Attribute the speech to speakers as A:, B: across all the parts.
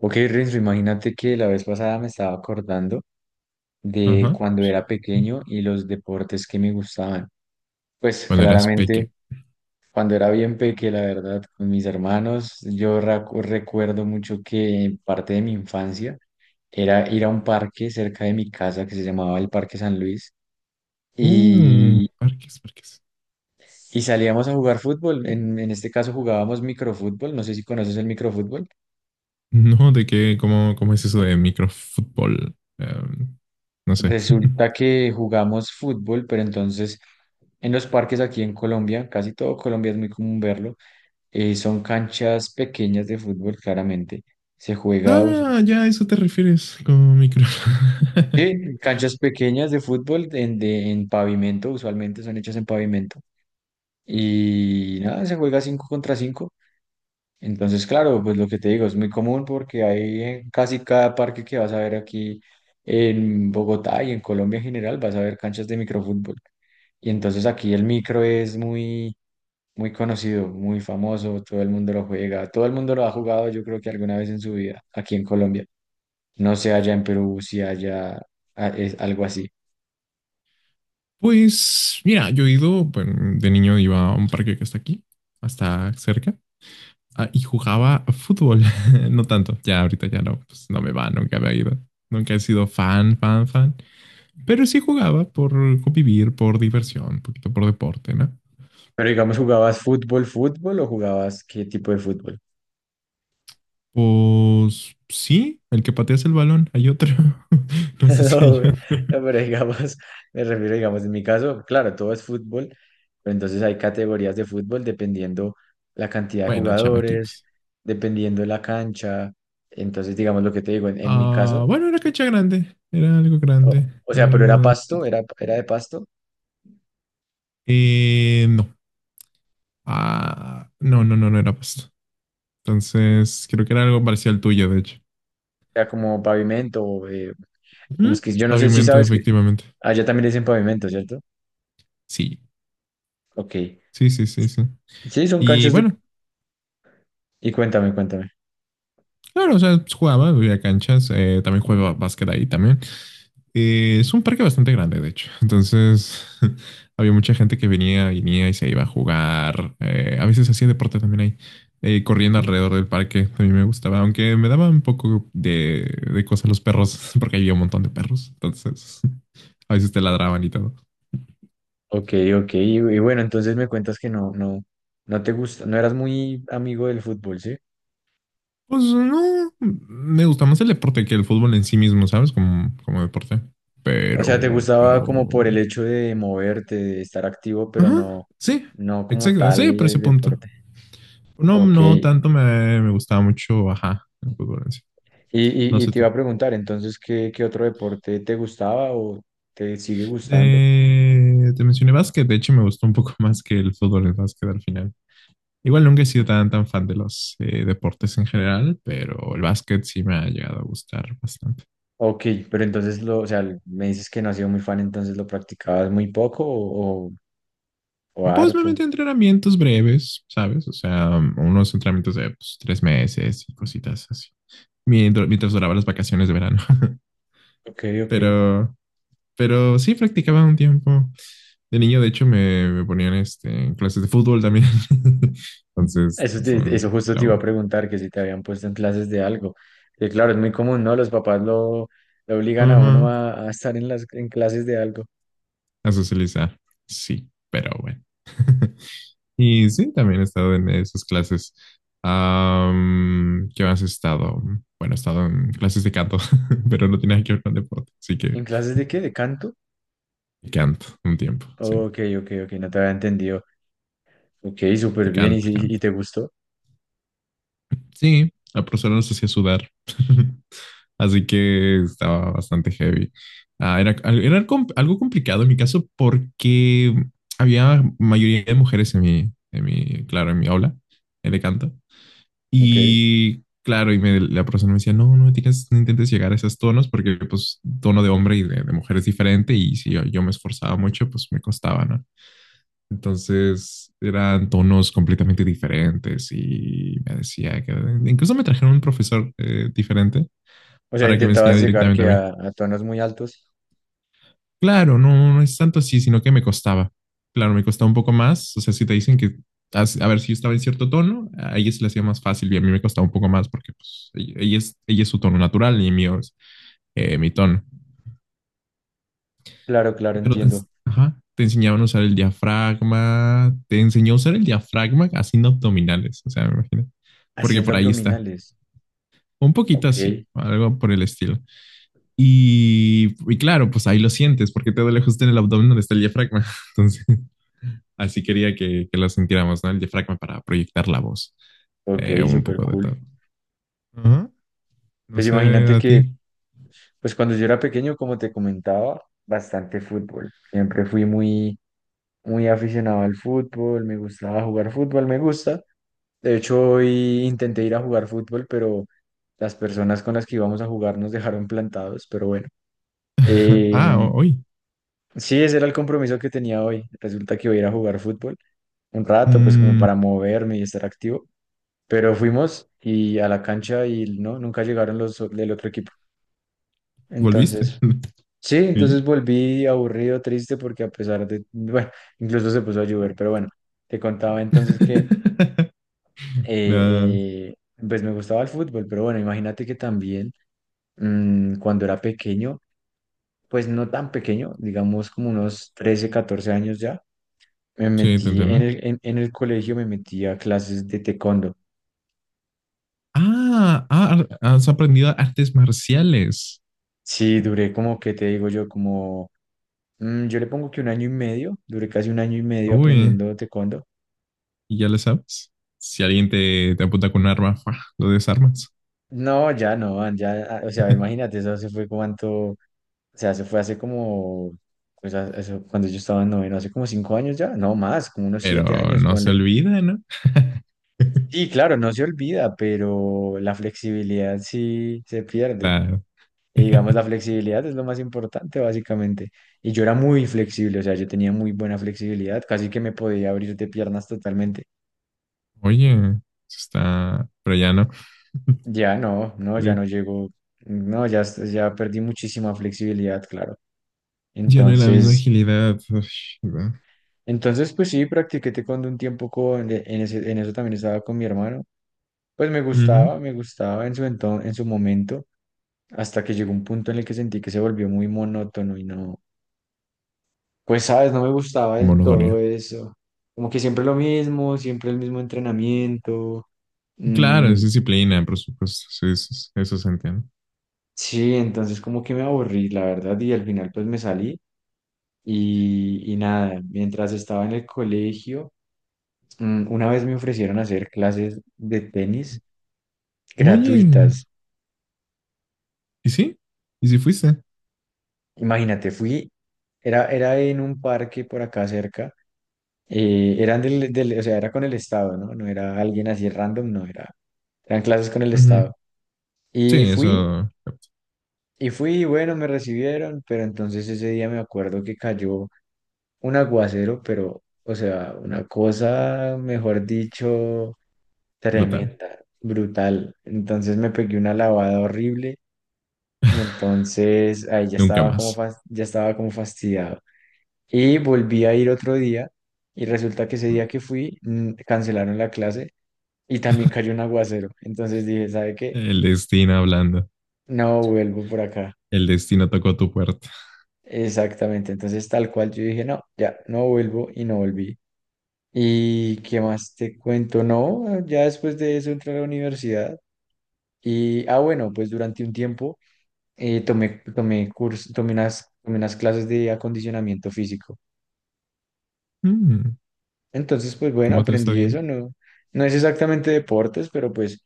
A: Ok, Renzo, imagínate que la vez pasada me estaba acordando de
B: Ajá.
A: cuando era pequeño y los deportes que me gustaban. Pues
B: Cuando eras
A: claramente,
B: peque.
A: cuando era bien peque, la verdad, con mis hermanos, yo recuerdo mucho que parte de mi infancia era ir a un parque cerca de mi casa que se llamaba el Parque San Luis y,
B: Parques, parques.
A: y salíamos a jugar fútbol. En este caso jugábamos microfútbol, no sé si conoces el microfútbol.
B: No, de qué, cómo, cómo es eso de microfútbol. No sé.
A: Resulta que jugamos fútbol, pero entonces en los parques aquí en Colombia, casi todo Colombia es muy común verlo, son canchas pequeñas de fútbol, claramente. Se juega
B: Ah,
A: usualmente-
B: ya a eso te refieres con micro.
A: sí, canchas pequeñas de fútbol en pavimento, usualmente son hechas en pavimento. Y nada, se juega 5 contra cinco. Entonces, claro, pues lo que te digo es muy común porque hay en casi cada parque que vas a ver aquí en Bogotá y en Colombia en general, vas a ver canchas de microfútbol. Y entonces aquí el micro es muy conocido, muy famoso, todo el mundo lo juega, todo el mundo lo ha jugado yo creo que alguna vez en su vida aquí en Colombia. No sé allá en Perú si haya ah, es algo así.
B: Pues, mira, yo he ido, bueno, de niño iba a un parque que está aquí, hasta cerca, y jugaba a fútbol. No tanto, ya ahorita ya no, pues no me va, nunca había ido. Nunca he sido fan, fan, fan. Pero sí jugaba por convivir, por diversión, un poquito por deporte, ¿no?
A: Pero digamos, ¿jugabas fútbol, fútbol o jugabas qué tipo de fútbol?
B: Pues sí, el que pateas el balón, hay otro. No sé si
A: No,
B: hay
A: güey.
B: otro.
A: No, pero digamos, me refiero, digamos, en mi caso, claro, todo es fútbol, pero entonces hay categorías de fútbol dependiendo la cantidad de
B: Bueno,
A: jugadores,
B: chamaquitos.
A: dependiendo la cancha, entonces, digamos, lo que te digo, en mi
B: Ah,
A: caso,
B: bueno, era cancha grande, era algo
A: o,
B: grande.
A: o sea, pero era
B: Eh,
A: pasto, era de pasto,
B: no. Ah, no, no, no, no era pasto. Entonces, creo que era algo parecido al tuyo, de hecho.
A: era como pavimento, como es
B: Ujú.
A: que yo no sé si
B: Pavimento,
A: sabes que
B: efectivamente.
A: allá también le dicen pavimento, ¿cierto?
B: Sí,
A: Ok.
B: sí, sí, sí, sí.
A: Sí, son
B: Y
A: canchas de...
B: bueno,
A: Y cuéntame, cuéntame.
B: claro, o sea, pues, jugaba, había canchas, también jugaba básquet ahí también. Es un parque bastante grande, de hecho. Entonces, había mucha gente que venía y se iba a jugar. A veces hacía deporte también ahí, corriendo alrededor del parque. A mí me gustaba, aunque me daba un poco de cosas los perros, porque había un montón de perros. Entonces, a veces te ladraban y todo.
A: Ok, ok. Y bueno, entonces me cuentas que no te gusta, no eras muy amigo del fútbol, ¿sí?
B: Pues no, me gusta más el deporte que el fútbol en sí mismo, ¿sabes? Como, como deporte.
A: O sea, te gustaba como
B: Pero...
A: por el hecho de moverte, de estar activo, pero
B: Ajá,
A: no,
B: sí,
A: no como
B: exacto, sí,
A: tal
B: por ese
A: el
B: punto.
A: deporte.
B: No,
A: Ok.
B: no
A: Y,
B: tanto me gustaba mucho, ajá, el fútbol en sí. No
A: y, y
B: sé
A: te iba
B: tú.
A: a preguntar, entonces, ¿qué otro deporte te gustaba o te sigue gustando?
B: Te mencioné básquet, de hecho me gustó un poco más que el fútbol, el básquet al final. Igual nunca he sido tan, tan fan de los deportes en general, pero el básquet sí me ha llegado a gustar bastante.
A: Ok, pero entonces o sea, me dices que no has sido muy fan, entonces lo practicabas muy poco o
B: Pues me
A: harto.
B: metí a entrenamientos breves, ¿sabes? O sea, unos entrenamientos de pues, tres meses y cositas así, mientras duraban las vacaciones de verano.
A: Ok, ok.
B: Pero Pero sí practicaba un tiempo. De niño, de hecho, me ponían este, en clases de fútbol también. Entonces,
A: Eso, eso
B: son
A: justo
B: la
A: te iba a preguntar, que si te habían puesto en clases de algo. Que claro, es muy común, ¿no? Los papás lo obligan a uno
B: ajá,
A: a estar en las en clases de algo.
B: a socializar. Sí, pero bueno. Y sí, también he estado en esas clases. ¿Qué más he estado? Bueno, he estado en clases de canto, pero no tiene nada que ver con deporte. Así que
A: ¿En clases de qué? ¿De canto?
B: canto un tiempo, sí.
A: Ok, ok, ok, no te había entendido. Ok, súper
B: De
A: bien, ¿y,
B: canto,
A: y
B: canto.
A: te gustó?
B: Sí, la profesora nos hacía sudar. Así que estaba bastante heavy. Ah, algo complicado en mi caso porque había mayoría de mujeres en claro, en mi aula de canto.
A: Ok.
B: Y claro, la profesora me decía, no, no, tienes, no intentes llegar a esos tonos porque pues tono de hombre y de mujer es diferente y si yo me esforzaba mucho, pues me costaba, ¿no? Entonces eran tonos completamente diferentes y me decía que incluso me trajeron un profesor diferente
A: O sea,
B: para que me
A: intentabas
B: enseñara
A: llegar
B: directamente a
A: que
B: mí.
A: a tonos muy altos.
B: Claro, no, no es tanto así, sino que me costaba. Claro, me costaba un poco más. O sea, si te dicen que, a ver, si yo estaba en cierto tono, a ella se le hacía más fácil y a mí me costaba un poco más porque pues, ella es, ella es su tono natural y mío es mi tono.
A: Claro, claro,
B: Pero
A: entiendo.
B: ajá, te enseñaban a usar el diafragma, te enseñó a usar el diafragma haciendo abdominales, o sea, me imagino. Porque
A: Haciendo
B: por ahí está.
A: abdominales.
B: Un poquito
A: Ok,
B: así, algo por el estilo. Y claro, pues ahí lo sientes, porque te duele justo en el abdomen donde está el diafragma. Entonces, así quería que lo sintiéramos, ¿no? El diafragma para proyectar la voz.
A: ok,
B: Un
A: súper
B: poco de
A: cool.
B: todo. Ajá. No
A: Pues
B: sé,
A: imagínate
B: a
A: que,
B: ti.
A: pues cuando yo era pequeño, como te comentaba, bastante fútbol. Siempre fui muy aficionado al fútbol, me gustaba jugar fútbol, me gusta. De hecho, hoy intenté ir a jugar fútbol, pero las personas con las que íbamos a jugar nos dejaron plantados, pero bueno.
B: Ah,
A: Eh,
B: hoy.
A: sí, ese era el compromiso que tenía hoy. Resulta que iba a ir a jugar fútbol un rato, pues como
B: Mm,
A: para moverme y estar activo. Pero fuimos y a la cancha y no, nunca llegaron los del otro equipo.
B: ¿volviste?
A: Entonces, sí,
B: ¿Y yo?
A: entonces volví aburrido, triste, porque a pesar de, bueno, incluso se puso a llover, pero bueno, te contaba entonces que
B: Ah,
A: eh, eh, pues me gustaba el fútbol, pero bueno, imagínate que también cuando era pequeño, pues no tan pequeño, digamos como unos 13 14 años ya, me
B: sí, te
A: metí
B: entiendo.
A: en el colegio, me metí a clases de taekwondo.
B: Ah, has aprendido artes marciales.
A: Sí, duré como, ¿que te digo yo? Como, yo le pongo que un año y medio, duré casi un año y medio
B: Uy,
A: aprendiendo taekwondo.
B: ¿y ya le sabes? Si alguien te apunta con un arma, ¡fua! Lo desarmas.
A: No, ya no, man, ya, ah, o sea, imagínate, eso se fue cuánto, o sea, se fue hace como, pues, eso, cuando yo estaba en noveno, hace como 5 años ya, no más, como unos
B: Pero
A: 7 años,
B: no se
A: ponle.
B: olvida, ¿no?
A: Y claro, no se olvida, pero la flexibilidad sí se pierde.
B: Claro.
A: Y digamos, la flexibilidad es lo más importante, básicamente. Y yo era muy flexible, o sea, yo tenía muy buena flexibilidad, casi que me podía abrir de piernas totalmente.
B: Oye, eso está, pero ya no.
A: Ya no, no, ya
B: Pero
A: no llego, no, ya, ya perdí muchísima flexibilidad, claro.
B: ya no hay la misma
A: Entonces,
B: agilidad. Uy, ¿verdad?
A: entonces pues sí, practiqué taekwondo un tiempo en ese, en eso también estaba con mi hermano. Pues
B: Ujú.
A: me gustaba en su momento, hasta que llegó un punto en el que sentí que se volvió muy monótono y no, pues sabes, no me gustaba del todo
B: Monotonía.
A: eso. Como que siempre lo mismo, siempre el mismo entrenamiento.
B: Claro,
A: Mm,
B: es disciplina, por supuesto. Sí, eso, eso se entiende.
A: sí, entonces como que me aburrí, la verdad, y al final pues me salí y nada, mientras estaba en el colegio. Mm. Una vez me ofrecieron hacer clases de tenis
B: Oye,
A: gratuitas.
B: ¿y sí? ¿Y si fuiste?
A: Imagínate, fui, era en un parque por acá cerca, eran o sea, era con el Estado, ¿no? No era alguien así random, no, era, eran clases con el
B: Ujú.
A: Estado.
B: Sí,
A: Y fui,
B: eso.
A: y fui, y bueno, me recibieron, pero entonces ese día me acuerdo que cayó un aguacero, pero, o sea, una cosa, mejor dicho,
B: Brutal.
A: tremenda, brutal. Entonces me pegué una lavada horrible. Y entonces ahí ya
B: Nunca
A: estaba como,
B: más.
A: ya estaba como fastidiado. Y volví a ir otro día y resulta que ese día que fui cancelaron la clase y también cayó un aguacero. Entonces dije, ¿sabe qué?
B: El destino hablando.
A: No vuelvo por acá.
B: El destino tocó tu puerta.
A: Exactamente. Entonces tal cual yo dije, no, ya, no vuelvo y no volví. ¿Y qué más te cuento? No, ya después de eso entré a la universidad y, ah, bueno, pues durante un tiempo tomé unas clases de acondicionamiento físico.
B: Mm,
A: Entonces, pues bueno,
B: ¿cómo te está
A: aprendí
B: viendo?
A: eso, no, no es exactamente deportes, pero pues,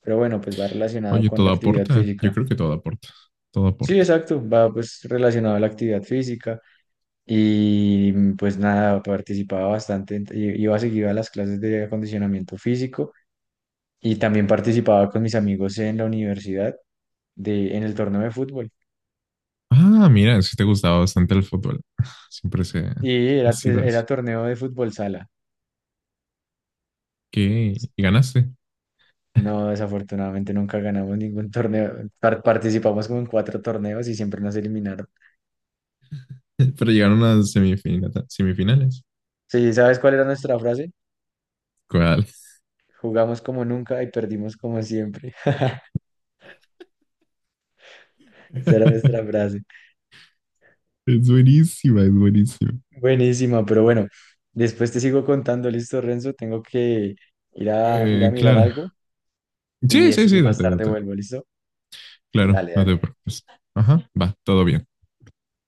A: pero bueno, pues va relacionado
B: Oye,
A: con
B: todo
A: la actividad
B: aporta. Yo
A: física.
B: creo que todo aporta. Todo
A: Sí,
B: aporta.
A: exacto, va pues relacionado a la actividad física y pues nada, participaba bastante, iba seguido a las clases de acondicionamiento físico y también participaba con mis amigos en la universidad en el torneo de fútbol
B: Ah, mira, sí te gustaba bastante el fútbol. Siempre se
A: y
B: ha sido así.
A: era torneo de fútbol sala.
B: ¿Qué? Y ganaste.
A: No, desafortunadamente nunca ganamos ningún torneo. Participamos como en cuatro torneos y siempre nos eliminaron.
B: Pero llegaron a semifinales.
A: Sí, ¿sabes cuál era nuestra frase?
B: ¿Cuál?
A: Jugamos como nunca y perdimos como siempre. Esa era nuestra frase.
B: Es buenísima, es buenísima.
A: Buenísima, pero bueno, después te sigo contando, ¿listo, Renzo? Tengo que ir a mirar
B: Claro.
A: algo
B: Sí,
A: y, es,
B: sí,
A: y
B: sí,
A: más
B: date,
A: tarde
B: date.
A: vuelvo, ¿listo?
B: Claro,
A: Dale,
B: no te
A: dale.
B: preocupes. Ajá, va, todo bien.